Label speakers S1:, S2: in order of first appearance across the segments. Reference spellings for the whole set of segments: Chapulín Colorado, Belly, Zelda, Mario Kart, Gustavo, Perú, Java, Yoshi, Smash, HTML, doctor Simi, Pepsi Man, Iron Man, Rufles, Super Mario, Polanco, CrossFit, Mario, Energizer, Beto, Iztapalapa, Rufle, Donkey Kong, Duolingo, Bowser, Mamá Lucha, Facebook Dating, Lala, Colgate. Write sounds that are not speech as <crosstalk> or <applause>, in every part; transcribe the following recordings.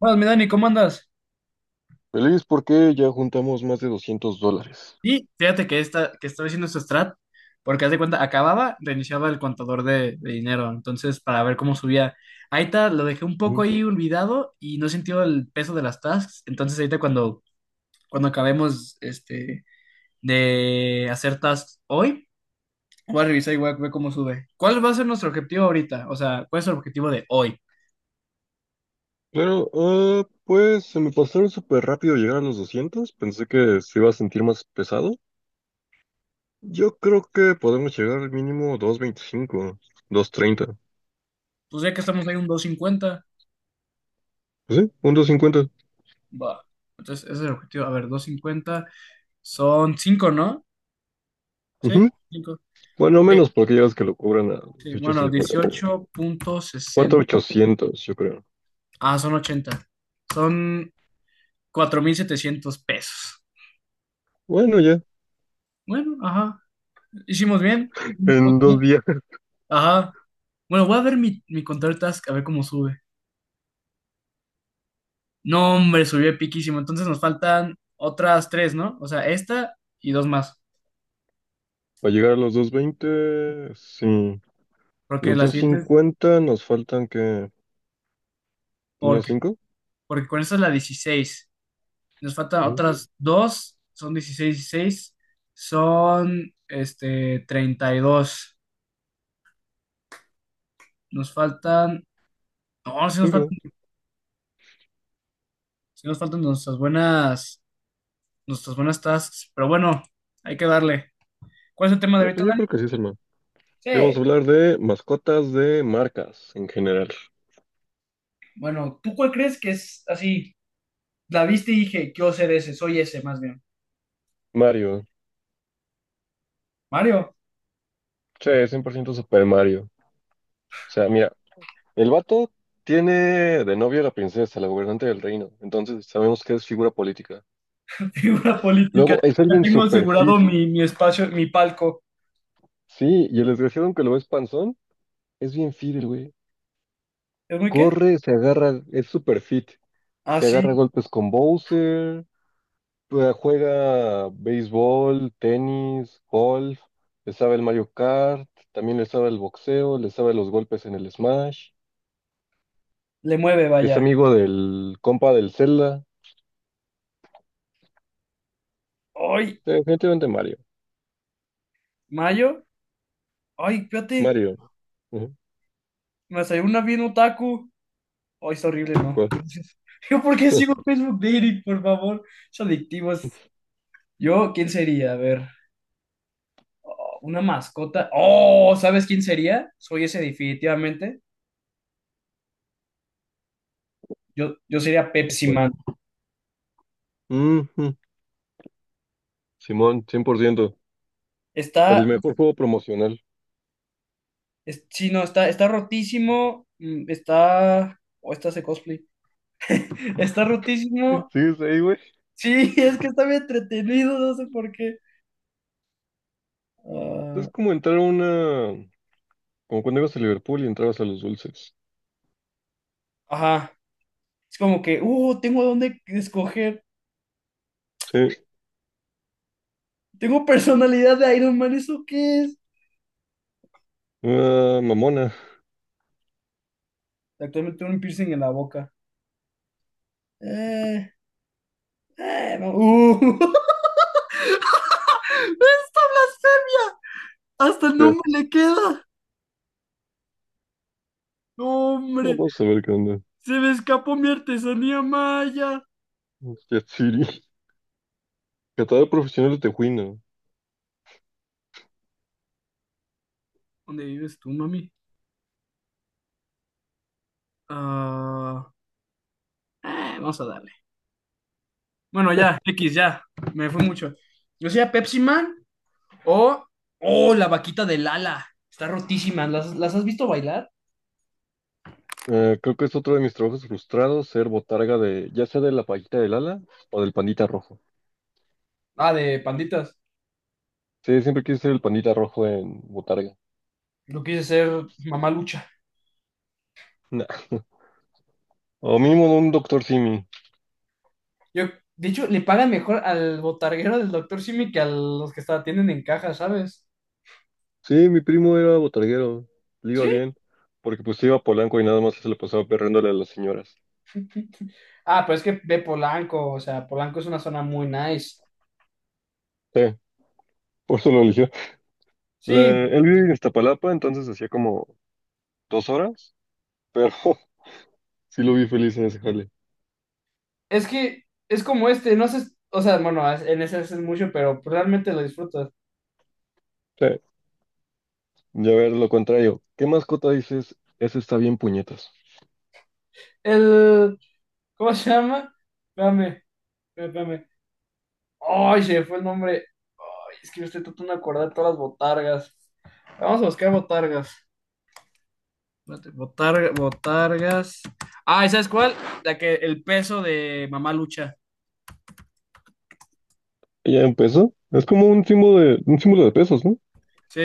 S1: Buenas, mi Dani, ¿cómo andas?
S2: Feliz porque ya juntamos más de 200 dólares.
S1: Y fíjate que, que estaba haciendo este strat, porque haz de cuenta, acababa, reiniciaba el contador de dinero, entonces para ver cómo subía. Ahorita lo dejé un poco
S2: Ujú.
S1: ahí olvidado y no he sentido el peso de las tasks, entonces ahorita cuando acabemos de hacer tasks hoy, voy a revisar y voy a ver cómo sube. ¿Cuál va a ser nuestro objetivo ahorita? O sea, ¿cuál es el objetivo de hoy?
S2: Pero, pues se me pasaron súper rápido llegar a los 200. Pensé que se iba a sentir más pesado. Yo creo que podemos llegar al mínimo 225, 230.
S1: Pues ya que estamos ahí un 250,
S2: Pues sí, un 250.
S1: va. Entonces ese es el objetivo. A ver, 250 son 5, ¿no? Sí.
S2: Ujú.
S1: Sí,
S2: Bueno, menos porque ya ves que lo cobran a
S1: sí, bueno,
S2: 18.50.
S1: 18.60.
S2: 800 yo creo.
S1: Ah, son 80. Son 4,700 pesos.
S2: Bueno, ya,
S1: Bueno, ajá. Hicimos bien.
S2: en 2 días. <laughs>
S1: Ajá. Bueno, voy a ver mi control task, a ver cómo sube. No, hombre, subió piquísimo. Entonces nos faltan otras tres, ¿no? O sea, esta y dos más.
S2: Para llegar a los 220. Sí.
S1: Porque
S2: Los
S1: las
S2: doscientos
S1: siguientes,
S2: cincuenta nos faltan que... ¿Unas
S1: porque,
S2: cinco?
S1: porque con esta es la 16. Nos faltan otras dos, son 16 16. Son, 32. Nos faltan No, sí nos
S2: 5.
S1: faltan, sí nos faltan nuestras buenas tasks, pero bueno, hay que darle. ¿Cuál es el tema de ahorita,
S2: Pues yo
S1: Dani?
S2: creo que sí, Salma.
S1: Sí.
S2: Y vamos a hablar de mascotas de marcas en general.
S1: Bueno, ¿tú cuál crees que es así? La viste y dije, quiero ser ese, soy ese más bien.
S2: Mario.
S1: Mario,
S2: Sí, 100% Super Mario. O sea, mira, el vato tiene de novio a la princesa, la gobernante del reino. Entonces sabemos que es figura política.
S1: <laughs> figura política.
S2: Luego, es
S1: Ya
S2: alguien
S1: tengo
S2: super fit.
S1: asegurado mi espacio, mi palco.
S2: Sí, y el desgraciado, aunque lo ves panzón, es bien fit el güey.
S1: ¿Es muy qué?
S2: Corre, se agarra, es super fit.
S1: Ah,
S2: Se agarra a
S1: sí,
S2: golpes con Bowser. Juega béisbol, tenis, golf, le sabe el Mario Kart, también le sabe el boxeo, le sabe los golpes en el Smash,
S1: le mueve,
S2: es
S1: vaya.
S2: amigo del compa del Zelda.
S1: Ay,
S2: Sí, definitivamente Mario,
S1: Mayo, ay, fíjate,
S2: Mario. Ujú.
S1: me salió una bien otaku. Ay, está horrible, ¿no?
S2: ¿Cuál?
S1: <laughs> Yo, ¿por qué sigo
S2: <laughs>
S1: Facebook Dating, por favor? Es adictivo, es. Yo, ¿quién sería? A ver, una mascota. Oh, ¿sabes quién sería? Soy ese definitivamente. Yo sería Pepsi
S2: ¿Cuál?
S1: Man.
S2: Ujú. Simón, 100%. El
S1: Está,
S2: mejor juego promocional.
S1: sí, no, está rotísimo. Está, o está ese cosplay. <laughs> Está
S2: <laughs>
S1: rotísimo.
S2: Sí, es ahí, güey.
S1: Sí, <laughs> es que está bien entretenido, no sé por qué.
S2: Es
S1: Ah,
S2: como entrar a una, como cuando ibas a Liverpool y entrabas a los dulces.
S1: ajá. Es como que, tengo dónde escoger.
S2: Sí,
S1: Tengo personalidad de Iron Man, ¿eso qué es?
S2: una mamona.
S1: Actualmente tengo un piercing en la boca. Eh, no. <laughs> ¡Esta blasfemia! Hasta el
S2: Sí.
S1: nombre le queda. ¡No, hombre,
S2: Vamos a ver qué onda.
S1: se me escapó mi artesanía maya!
S2: Jet City. Catador profesional de tejuino.
S1: ¿Dónde vives tú, mami? Ah, vamos a darle. Bueno, ya, X, ya. Me fue mucho. Yo sea Pepsi Man o. ¡Oh, la vaquita de Lala! Está rotísima. ¿Las has visto bailar?
S2: Creo que es otro de mis trabajos frustrados, ser botarga de, ya sea de la pajita del ala o del pandita rojo.
S1: Ah, de panditas.
S2: Sí, siempre quise ser el pandita rojo en botarga.
S1: Lo quise ser mamá lucha.
S2: Nah. O mínimo de un doctor Simi.
S1: Yo, de hecho, le pagan mejor al botarguero del doctor Simi que a los que atienden en caja, ¿sabes?
S2: Sí, mi primo era botarguero, le iba
S1: Sí.
S2: bien, porque pues iba a Polanco y nada más se le pasaba perréndole a las señoras.
S1: Ah, pero es que ve Polanco, o sea, Polanco es una zona muy nice.
S2: Sí, por eso lo eligió.
S1: Sí,
S2: Él vive en Iztapalapa, entonces hacía como 2 horas, pero <laughs> sí lo vi feliz en ese jale.
S1: es que es como este, no sé, o sea, bueno, en ese es mucho, pero realmente lo disfrutas.
S2: Sí. Y a ver, lo contrario, ¿qué mascota dices? Ese está bien puñetas.
S1: El, ¿cómo se llama? Espérame, espérame. Ay, se me fue el nombre. Ay, es que yo estoy tratando de acordar de todas las botargas. Vamos a buscar botargas. Espérate, botargas. Ah, ¿y sabes cuál? La que, el peso de Mamá Lucha.
S2: Ya empezó. Es como un símbolo de pesos, ¿no?
S1: Sí,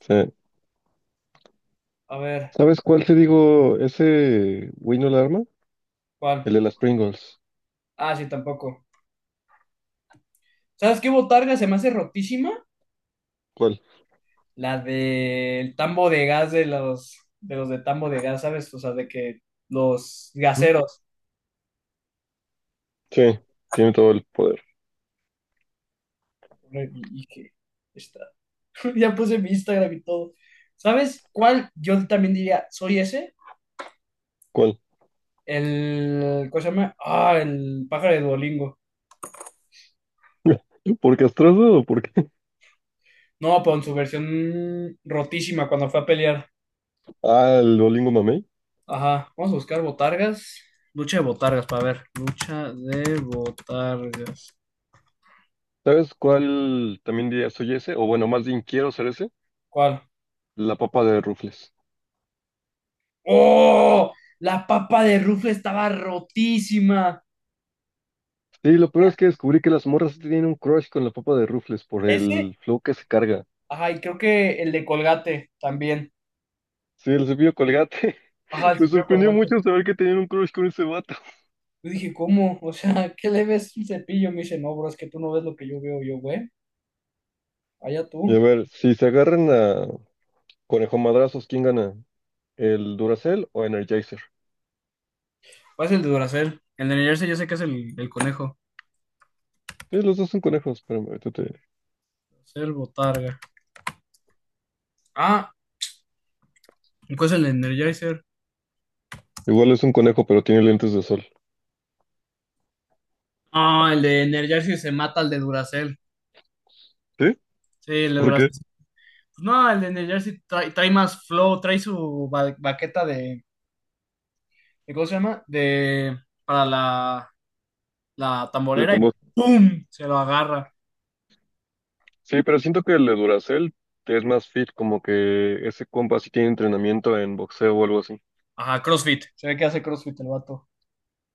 S2: Sí.
S1: a ver,
S2: ¿Sabes cuál te digo? Ese güey no la arma.
S1: ¿cuál?
S2: El de las Pringles.
S1: Ah, sí, tampoco. ¿Sabes qué botarga se me hace rotísima?
S2: ¿Cuál?
S1: La del tambo de gas de los de tambo de gas, ¿sabes? O sea, de que los
S2: ¿Mm?
S1: gaseros.
S2: Sí, tiene todo el poder.
S1: Y que está. <laughs> Ya puse mi Instagram y todo. ¿Sabes cuál? Yo también diría, soy ese.
S2: ¿Cuál?
S1: El, ¿cómo se llama? Ah, el pájaro de Duolingo.
S2: ¿Por castrado o por qué? <laughs>
S1: No, pero en su versión rotísima cuando fue a pelear.
S2: Ah, el Duolingo Mamey.
S1: Ajá. Vamos a buscar botargas. Lucha de botargas, para ver. Lucha de botargas.
S2: ¿Sabes cuál también diría soy ese? O bueno, más bien quiero ser ese.
S1: ¿Cuál?
S2: La papa de Rufles.
S1: ¡Oh! La papa de Rufle estaba rotísima.
S2: Sí, lo peor es que descubrí que las morras sí tienen un crush con la papa de Rufles por
S1: Ese,
S2: el flow que se carga.
S1: ajá, y creo que el de Colgate también.
S2: Sí, el cepillo Colgate.
S1: Ajá,
S2: <laughs>
S1: el
S2: Me
S1: cepillo de
S2: sorprendió
S1: Colgate.
S2: mucho saber que tenían un crush con ese vato.
S1: Yo dije, ¿cómo? O sea, <laughs> ¿qué le ves un cepillo? Me dice, no, bro, es que tú no ves lo que yo veo. Yo, güey, allá
S2: Y
S1: tú.
S2: a ver, si se agarran a conejo madrazos, ¿quién gana? ¿El Duracell o Energizer?
S1: ¿Cuál es el de Duracell? El de Energizer yo sé que es el conejo.
S2: Sí, los dos son conejos, pero ahorita te-
S1: Duracell, botarga. Ah, ¿cuál es el de Energizer?
S2: Igual es un conejo, pero tiene lentes de sol.
S1: Ah, el de Energizer se mata al de Duracell.
S2: ¿Sí?
S1: Sí, el de
S2: ¿Por
S1: Duracell.
S2: qué?
S1: No, el de Energizer trae más flow, trae su baqueta de. ¿Y cómo se llama? De, para la
S2: De
S1: tamborera y
S2: tambor.
S1: ¡pum! Se lo agarra.
S2: Sí, pero siento que el de Duracell es más fit, como que ese compa sí tiene entrenamiento en boxeo o algo así.
S1: Ajá, CrossFit. Se ve que hace CrossFit el vato.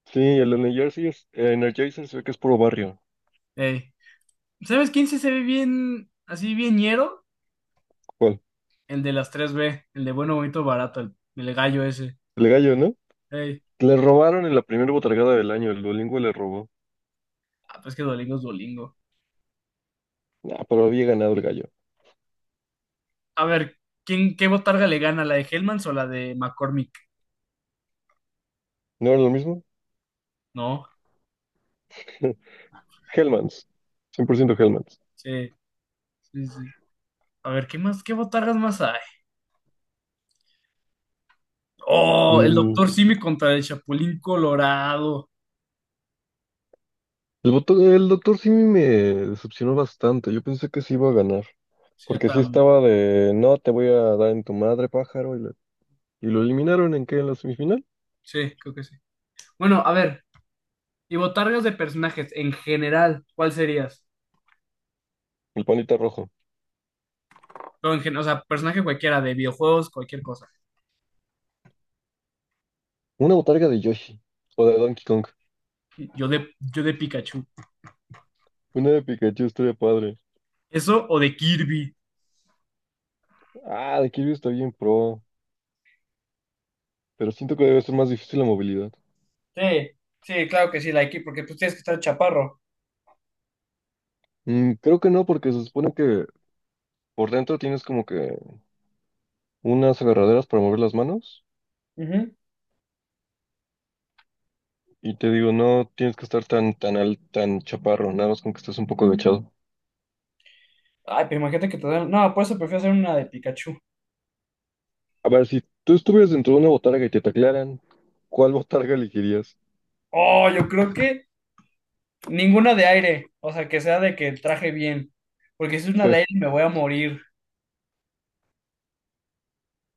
S2: Sí, el Energizer, Energizer se ve que es puro barrio.
S1: Ey. ¿Sabes quién sí se ve bien, así bien ñero?
S2: ¿Cuál?
S1: El de las tres b, el de bueno, bonito, barato, el gallo ese.
S2: El gallo, ¿no?
S1: Ey.
S2: Le robaron en la primera botargada del año, el Duolingo le robó.
S1: Ah, pues que Dolingo es Dolingo.
S2: Ah, pero había ganado el gallo.
S1: A ver, ¿qué botarga le gana? ¿La de Hellmans o la de McCormick?
S2: ¿No era lo mismo?
S1: No,
S2: Hellmans, 100% Hellmans.
S1: sí, sí, sí. A ver, ¿qué más, qué botargas más hay? Oh, el
S2: Mm,
S1: Doctor Simi contra el Chapulín Colorado.
S2: el doctor Simi me decepcionó bastante. Yo pensé que sí iba a ganar.
S1: Sí, yo
S2: Porque sí
S1: también.
S2: estaba de, no, te voy a dar en tu madre, pájaro. Y lo eliminaron en qué, en la semifinal.
S1: Sí, creo que sí. Bueno, a ver, y botargas de personajes en general, ¿cuál serías?
S2: El panita rojo.
S1: O, o sea, personaje cualquiera, de videojuegos, cualquier cosa.
S2: Una botarga de Yoshi. O de Donkey Kong.
S1: Yo de Pikachu.
S2: Una de Pikachu estaría padre.
S1: ¿Eso o de Kirby?
S2: Ah, de Kirby está bien pro. Pero siento que debe ser más difícil la movilidad.
S1: Sí, sí, claro que sí, la de Kirby, porque pues tienes que estar chaparro.
S2: Creo que no, porque se supone que por dentro tienes como que unas agarraderas para mover las manos.
S1: Ujú.
S2: Y te digo, no tienes que estar tan chaparro, nada más con que estés un poco agachado.
S1: Ay, pero imagínate que te dan. No, por eso prefiero hacer una de Pikachu.
S2: A ver, si tú estuvieras dentro de una botarga y te taclearan, ¿cuál botarga elegirías?
S1: Oh, yo creo que ninguna de aire. O sea, que sea de que traje bien. Porque si es una
S2: Sí.
S1: de aire me voy a morir.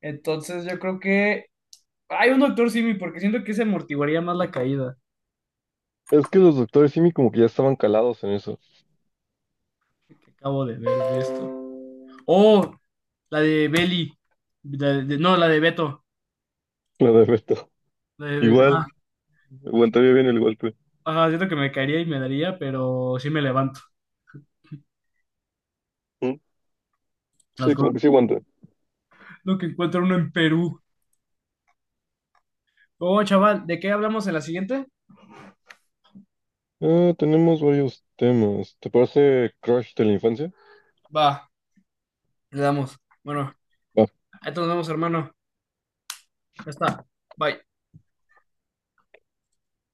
S1: Entonces yo creo que. Hay un Doctor Simi, porque siento que se amortiguaría más la caída.
S2: Es que los doctores Simi como que ya estaban calados en eso.
S1: Que acabo de ver de esto. Oh, la de Belly. No, la de Beto.
S2: <laughs> La de Beto.
S1: La de-
S2: Igual,
S1: ajá.
S2: aguantaría bien el golpe.
S1: Ajá, siento que me caería y me daría, pero sí me levanto.
S2: ¿Mm?
S1: Las
S2: Sí, como
S1: cosas.
S2: que sí aguanta.
S1: Lo que encuentra uno en Perú. Oh, chaval, ¿de qué hablamos en la siguiente?
S2: Ah, tenemos varios temas. ¿Te parece Crush de la infancia?
S1: Va, le damos. Bueno, ahí nos vemos, hermano. Ya está. Bye.